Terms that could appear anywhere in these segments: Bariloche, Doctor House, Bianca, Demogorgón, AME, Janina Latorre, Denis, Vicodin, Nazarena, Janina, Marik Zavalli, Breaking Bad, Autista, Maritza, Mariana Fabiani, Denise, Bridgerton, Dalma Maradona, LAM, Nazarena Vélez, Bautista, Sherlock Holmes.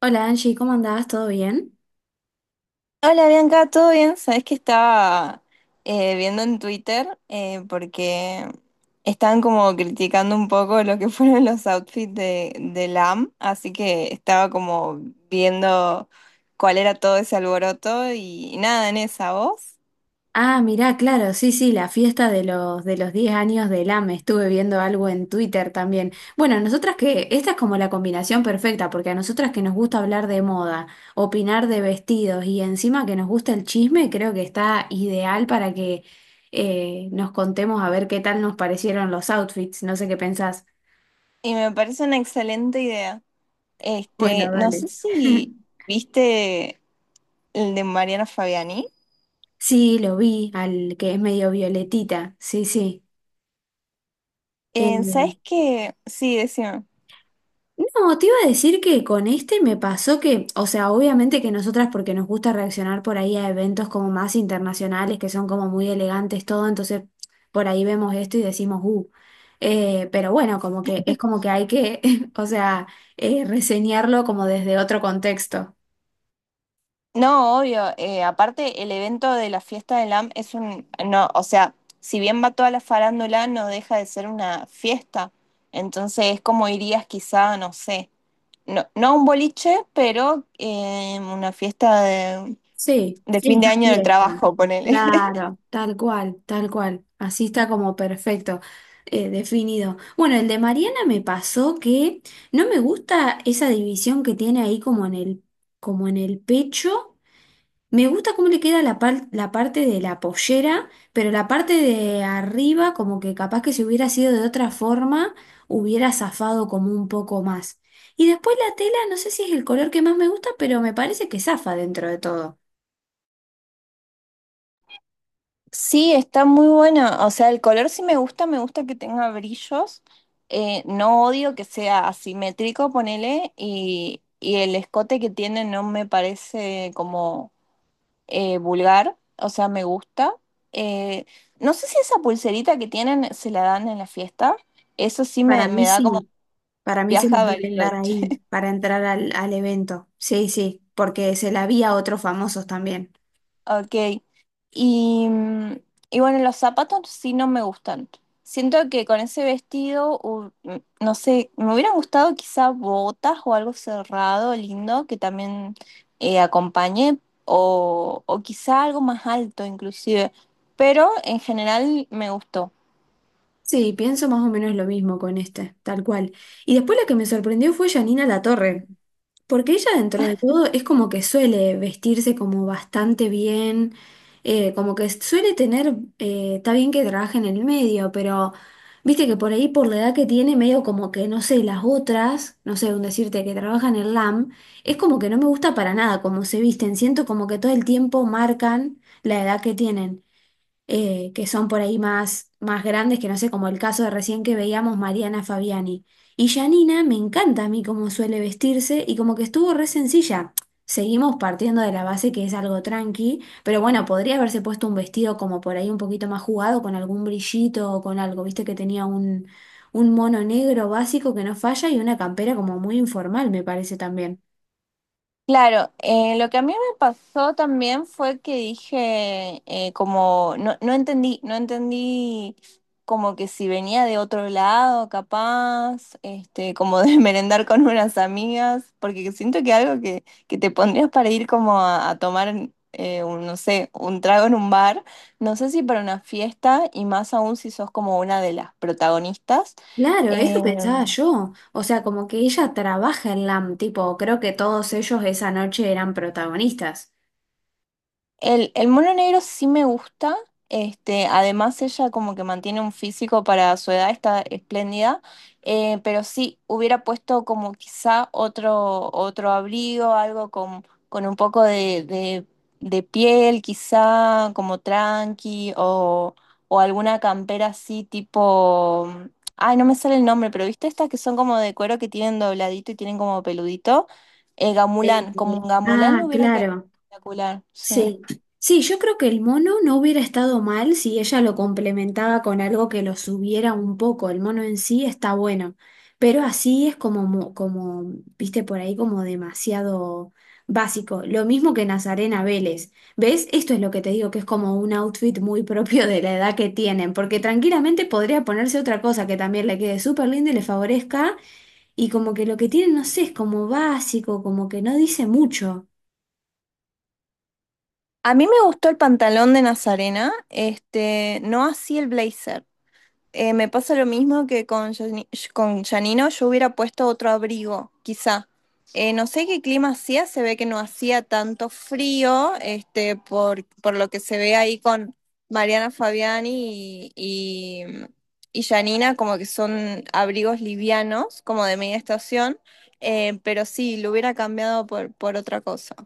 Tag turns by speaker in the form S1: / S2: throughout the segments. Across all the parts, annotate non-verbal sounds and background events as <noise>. S1: Hola Angie, ¿cómo andabas? ¿Todo bien?
S2: Hola Bianca, ¿todo bien? Sabes que estaba viendo en Twitter porque estaban como criticando un poco lo que <laughs> fueron los outfits de LAM, así que estaba como viendo cuál era todo ese alboroto y nada en esa voz.
S1: Ah, mirá, claro, sí, sí, la fiesta de los 10 años del AME. Estuve viendo algo en Twitter también. Bueno, nosotras que, esta es como la combinación perfecta, porque a nosotras que nos gusta hablar de moda, opinar de vestidos y encima que nos gusta el chisme, creo que está ideal para que nos contemos a ver qué tal nos parecieron los outfits. No sé qué pensás.
S2: Y me parece una excelente idea.
S1: Bueno,
S2: Este, no sé
S1: dale.
S2: si
S1: <laughs>
S2: viste el de Mariana Fabiani.
S1: Sí, lo vi, al que es medio violetita. Sí, sí. Eh,
S2: ¿Sabes qué? Sí, decime.
S1: No, te iba a decir que con este me pasó que, o sea, obviamente que nosotras porque nos gusta reaccionar por ahí a eventos como más internacionales, que son como muy elegantes todo, entonces por ahí vemos esto y decimos, pero bueno, como que es como que hay que, <laughs> o sea, reseñarlo como desde otro contexto.
S2: No, obvio. Aparte, el evento de la fiesta del AM es un, no, o sea, si bien va toda la farándula, no deja de ser una fiesta. Entonces es como irías quizá, no sé, no a un boliche, pero una fiesta
S1: Sí,
S2: de fin de
S1: fiesta,
S2: año del
S1: fiesta.
S2: trabajo, ponele. <laughs>
S1: Claro, tal cual, tal cual. Así está como perfecto, definido. Bueno, el de Mariana me pasó que no me gusta esa división que tiene ahí como en el pecho. Me gusta cómo le queda la parte de la pollera, pero la parte de arriba, como que capaz que si hubiera sido de otra forma, hubiera zafado como un poco más. Y después la tela, no sé si es el color que más me gusta, pero me parece que zafa dentro de todo.
S2: Sí, está muy buena. O sea, el color sí me gusta que tenga brillos. No odio que sea asimétrico, ponele, y el escote que tiene no me parece como vulgar, o sea, me gusta. Eh, no sé si esa pulserita que tienen se la dan en la fiesta. Eso sí
S1: Para
S2: me
S1: mí
S2: da como
S1: sí, para mí se
S2: viaje a
S1: les deben dar
S2: Bariloche.
S1: ahí
S2: <laughs>
S1: para entrar al, al evento. Sí, sí, porque se la vi a otros famosos también.
S2: Ok. Y, mm, y bueno, los zapatos sí no me gustan. Siento que con ese vestido, no sé, me hubieran gustado quizá botas o algo cerrado, lindo, que también acompañe, o quizá algo más alto inclusive. Pero en general me gustó.
S1: Sí, pienso más o menos lo mismo con este, tal cual. Y después la que me sorprendió fue Janina Latorre. Porque ella dentro de todo es como que suele vestirse como bastante bien, como que suele tener, está bien que trabaje en el medio, pero viste que por ahí por la edad que tiene, medio como que, no sé, las otras, no sé, un decirte que trabajan en el LAM, es como que no me gusta para nada cómo se visten, siento como que todo el tiempo marcan la edad que tienen que son por ahí más, más grandes, que no sé, como el caso de recién que veíamos Mariana Fabiani. Y Janina me encanta a mí cómo suele vestirse y como que estuvo re sencilla. Seguimos partiendo de la base que es algo tranqui, pero bueno, podría haberse puesto un vestido como por ahí un poquito más jugado, con algún brillito o con algo, viste que tenía un mono negro básico que no falla y una campera como muy informal, me parece también.
S2: Claro, lo que a mí me pasó también fue que dije, como, no entendí, no entendí como que si venía de otro lado, capaz, este, como de <laughs> merendar con unas amigas, porque siento que algo que te pondrías para ir como a tomar, un, no sé, un trago en un bar, no sé si para una fiesta y más aún si sos como una de las protagonistas.
S1: Claro, eso
S2: eh,
S1: pensaba yo. O sea, como que ella trabaja en LAM, tipo, creo que todos ellos esa noche eran protagonistas.
S2: El mono negro sí me gusta. Este, además ella como que mantiene un físico para su edad, está espléndida. Pero sí, hubiera puesto como quizá otro, otro abrigo, algo con un poco de piel, quizá como tranqui, o alguna campera así tipo. Ay, no me sale el nombre, pero viste estas que son como de cuero que tienen dobladito y tienen como peludito.
S1: Eh,
S2: Gamulán, como un gamulán
S1: ah,
S2: le hubiera quedado
S1: claro.
S2: espectacular, sí.
S1: Sí, sí, yo creo que el mono no hubiera estado mal si ella lo complementaba con algo que lo subiera un poco. El mono en sí está bueno, pero así es como, como, viste por ahí, como demasiado básico. Lo mismo que Nazarena Vélez. ¿Ves? Esto es lo que te digo, que es como un outfit muy <laughs> propio de la edad que tienen, porque tranquilamente podría ponerse otra cosa que también le quede súper linda y le favorezca, y como que lo que tienen, no sé, es como básico, como que no dice mucho.
S2: A mí me gustó el pantalón de Nazarena, este, no así el blazer. Me pasa lo mismo que con, Yani- con Janino, yo hubiera puesto otro abrigo, quizá. No sé qué clima hacía, se ve que no hacía tanto frío, este, por lo que se ve ahí con Mariana Fabiani y Janina, como que son abrigos livianos, como de media estación, pero sí, lo hubiera cambiado por otra cosa.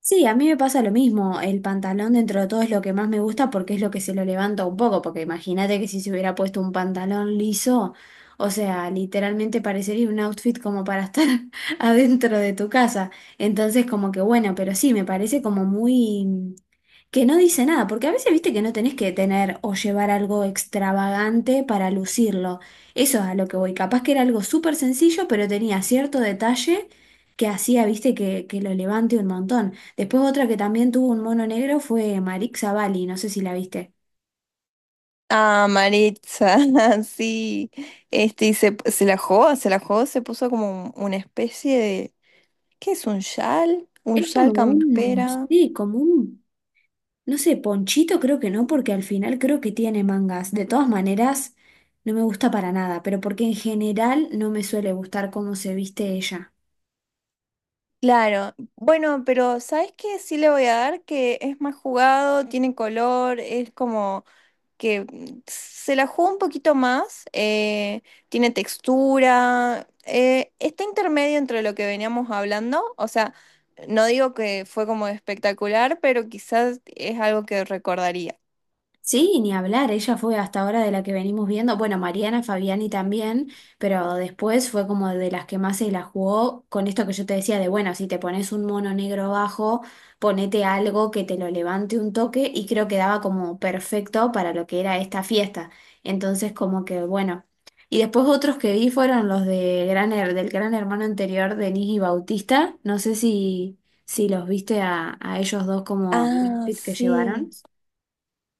S1: Sí, a mí me pasa lo mismo. El pantalón dentro de todo es lo que más me gusta porque es lo que se lo levanta un poco. Porque imagínate que si se hubiera puesto un pantalón liso, o sea, literalmente parecería un outfit como para estar <laughs> adentro de tu casa. Entonces, como que bueno, pero sí, me parece como muy que no dice nada. Porque a veces viste que no tenés que tener o llevar algo extravagante para lucirlo. Eso es a lo que voy. Capaz que era algo súper sencillo, pero tenía cierto detalle que hacía, viste, que lo levante un montón. Después otra que también tuvo un mono negro fue Marik Zavalli, no sé si la viste.
S2: Ah, Maritza, <laughs> sí. Este, y se la jugó, se la jugó, se puso como un- una especie de. ¿Qué es un chal? ¿Un
S1: Es como
S2: chal
S1: un,
S2: campera?
S1: sí, como un, no sé, ponchito creo que no, porque al final creo que tiene mangas. De todas maneras, no me gusta para nada, pero porque en general no me suele gustar cómo se viste ella.
S2: Claro. Bueno, pero ¿sabes qué? Sí le voy a dar que es más jugado, tiene color, es como. Que se la juega un poquito más, tiene textura, está intermedio entre lo que veníamos hablando, o sea, no digo que fue como espectacular, pero quizás es algo que recordaría.
S1: Sí, ni hablar, ella fue hasta ahora de la que venimos viendo, bueno, Mariana Fabiani también, pero después fue como de las que más se la jugó con esto que yo te decía de, bueno, si te pones un mono negro bajo, ponete algo que te lo levante un toque y creo que daba como perfecto para lo que era esta fiesta. Entonces como que, bueno, y después otros que vi fueron los de del gran hermano anterior, Denis y Bautista, no sé si, si los viste a ellos dos como el
S2: Ah,
S1: outfit que
S2: sí,
S1: llevaron.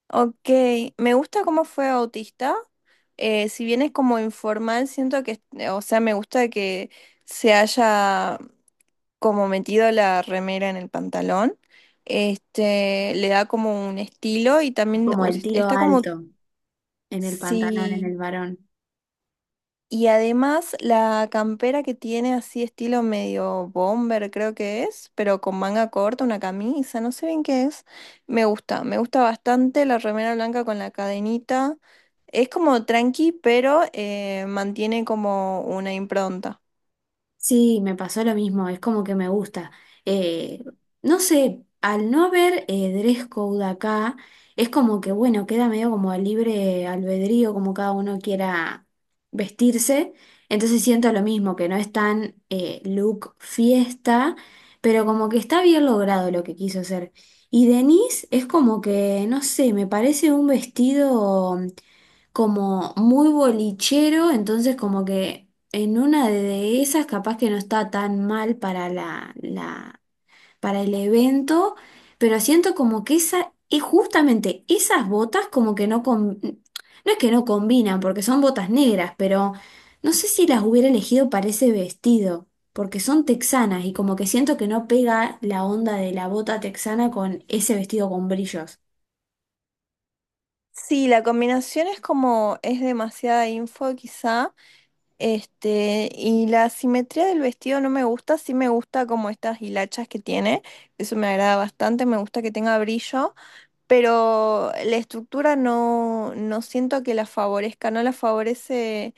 S2: ok, me gusta cómo fue Autista, si bien es como informal, siento que, o sea, me gusta que se haya como metido la remera en el pantalón, este, le da como un estilo y también
S1: Como el
S2: us-
S1: tiro
S2: está como,
S1: alto en el pantalón, en
S2: sí,
S1: el varón.
S2: y además la campera que tiene así estilo medio bomber creo que es, pero con manga corta, una camisa, no sé bien qué es, me gusta bastante la remera blanca con la cadenita, es como tranqui, pero mantiene como una impronta.
S1: Sí, me pasó lo mismo, es como que me gusta. Eh, no sé, al no haber dress code acá, es como que, bueno, queda medio como a libre albedrío, como cada uno quiera vestirse. Entonces siento lo mismo, que no es tan look fiesta, pero como que está bien logrado lo que quiso hacer. Y Denise es como que, no sé, me parece un vestido como muy bolichero, entonces como que en una de esas capaz que no está tan mal para para el evento, pero siento como que esa, es justamente esas botas como que no es que no combinan, porque son botas negras, pero no sé si las hubiera elegido para ese vestido. Porque son texanas y como que siento que no pega la onda de la bota texana con ese vestido con brillos.
S2: Sí, la combinación es como, es demasiada info quizá, este, y la simetría del vestido no me gusta, sí me gusta como estas hilachas que tiene, eso me agrada bastante, me gusta que tenga brillo, pero la estructura no, no siento que la favorezca, no la favorece,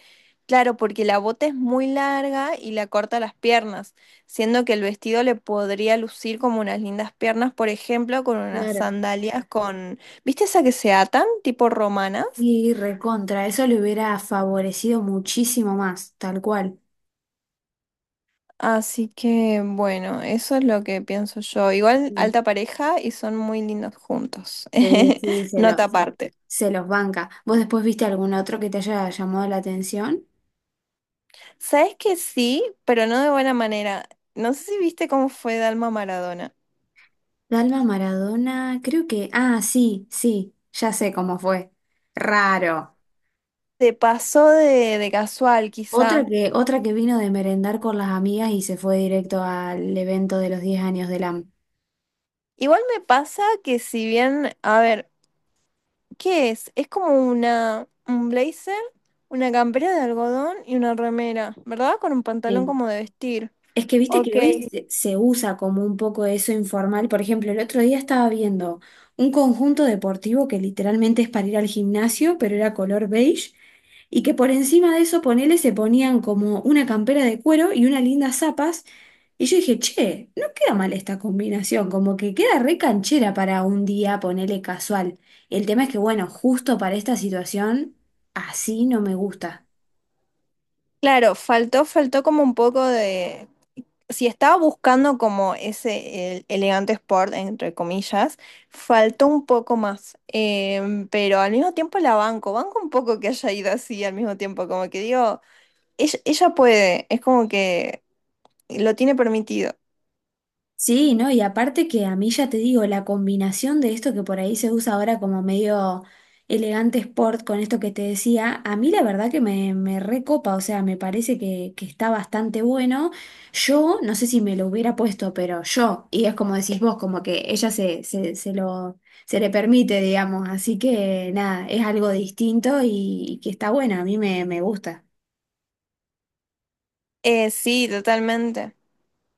S2: claro, porque la bota es muy larga y la corta las piernas, siendo que el vestido le podría lucir como unas lindas piernas, por ejemplo, con unas sandalias con, ¿viste esa que se atan, tipo romanas?
S1: Y recontra, eso le hubiera favorecido muchísimo más, tal cual.
S2: Así que bueno, eso es lo que pienso yo. Igual
S1: Sí,
S2: alta pareja y son muy lindos juntos.
S1: sí,
S2: <laughs>
S1: sí, se
S2: Nota
S1: lo, se,
S2: aparte.
S1: se los banca. ¿Vos después viste algún otro que te haya llamado la atención?
S2: Sabes que sí, pero no de buena manera. No sé si viste cómo fue Dalma Maradona.
S1: Dalma Maradona, creo que, ah, sí, sí, ya sé cómo fue. Raro.
S2: Se pasó de casual, quizá.
S1: Otra que vino de merendar con las amigas y se fue directo al evento de los 10 años del AM.
S2: Igual me pasa que si bien, a ver, ¿qué es? Es como una, un blazer, una campera de algodón y una remera, ¿verdad? Con un pantalón como de vestir.
S1: Es que viste
S2: Ok.
S1: que hoy se usa como un poco eso informal. Por ejemplo, el otro día estaba viendo un conjunto deportivo que literalmente es para ir al gimnasio, pero era color beige, y que por encima de eso, ponele, se ponían como una campera de cuero y unas lindas zapas. Y yo dije, che, no queda mal esta combinación, como que queda re canchera para un día, ponele casual. El tema es que, bueno, justo para esta situación, así no me gusta.
S2: Claro, faltó, faltó como un poco de si estaba buscando como ese el- elegante sport, entre comillas, faltó un poco más. Em, pero al mismo tiempo la banco. Banco un poco que haya ido así al mismo tiempo. Como que digo, ella puede. Es como que lo tiene permitido.
S1: Sí, ¿no? Y aparte que a mí ya te digo, la combinación de esto que por ahí se usa ahora como medio elegante sport con esto que te decía, a mí la verdad que me recopa, o sea, me parece que está bastante bueno. Yo, no sé si me lo hubiera puesto, pero yo, y es como decís vos, como que ella se, se, se lo, se le permite, digamos, así que nada, es algo distinto y que está bueno, a mí me, me gusta.
S2: Sí, totalmente.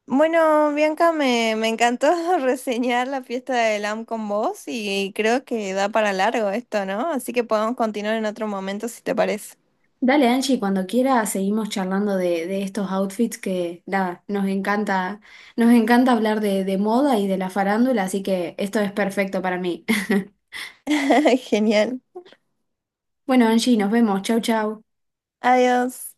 S2: Bueno, Bianca, me encantó <laughs> reseñar la fiesta de LAM con vos y creo que da para largo esto, ¿no? Así que podemos continuar en otro momento si te parece.
S1: Dale, Angie, cuando quiera seguimos charlando de estos outfits que nada, nos encanta hablar de moda y de la farándula, así que esto es perfecto para mí. <laughs>
S2: <laughs> Genial.
S1: Bueno, Angie, nos vemos. Chau, chau.
S2: Adiós.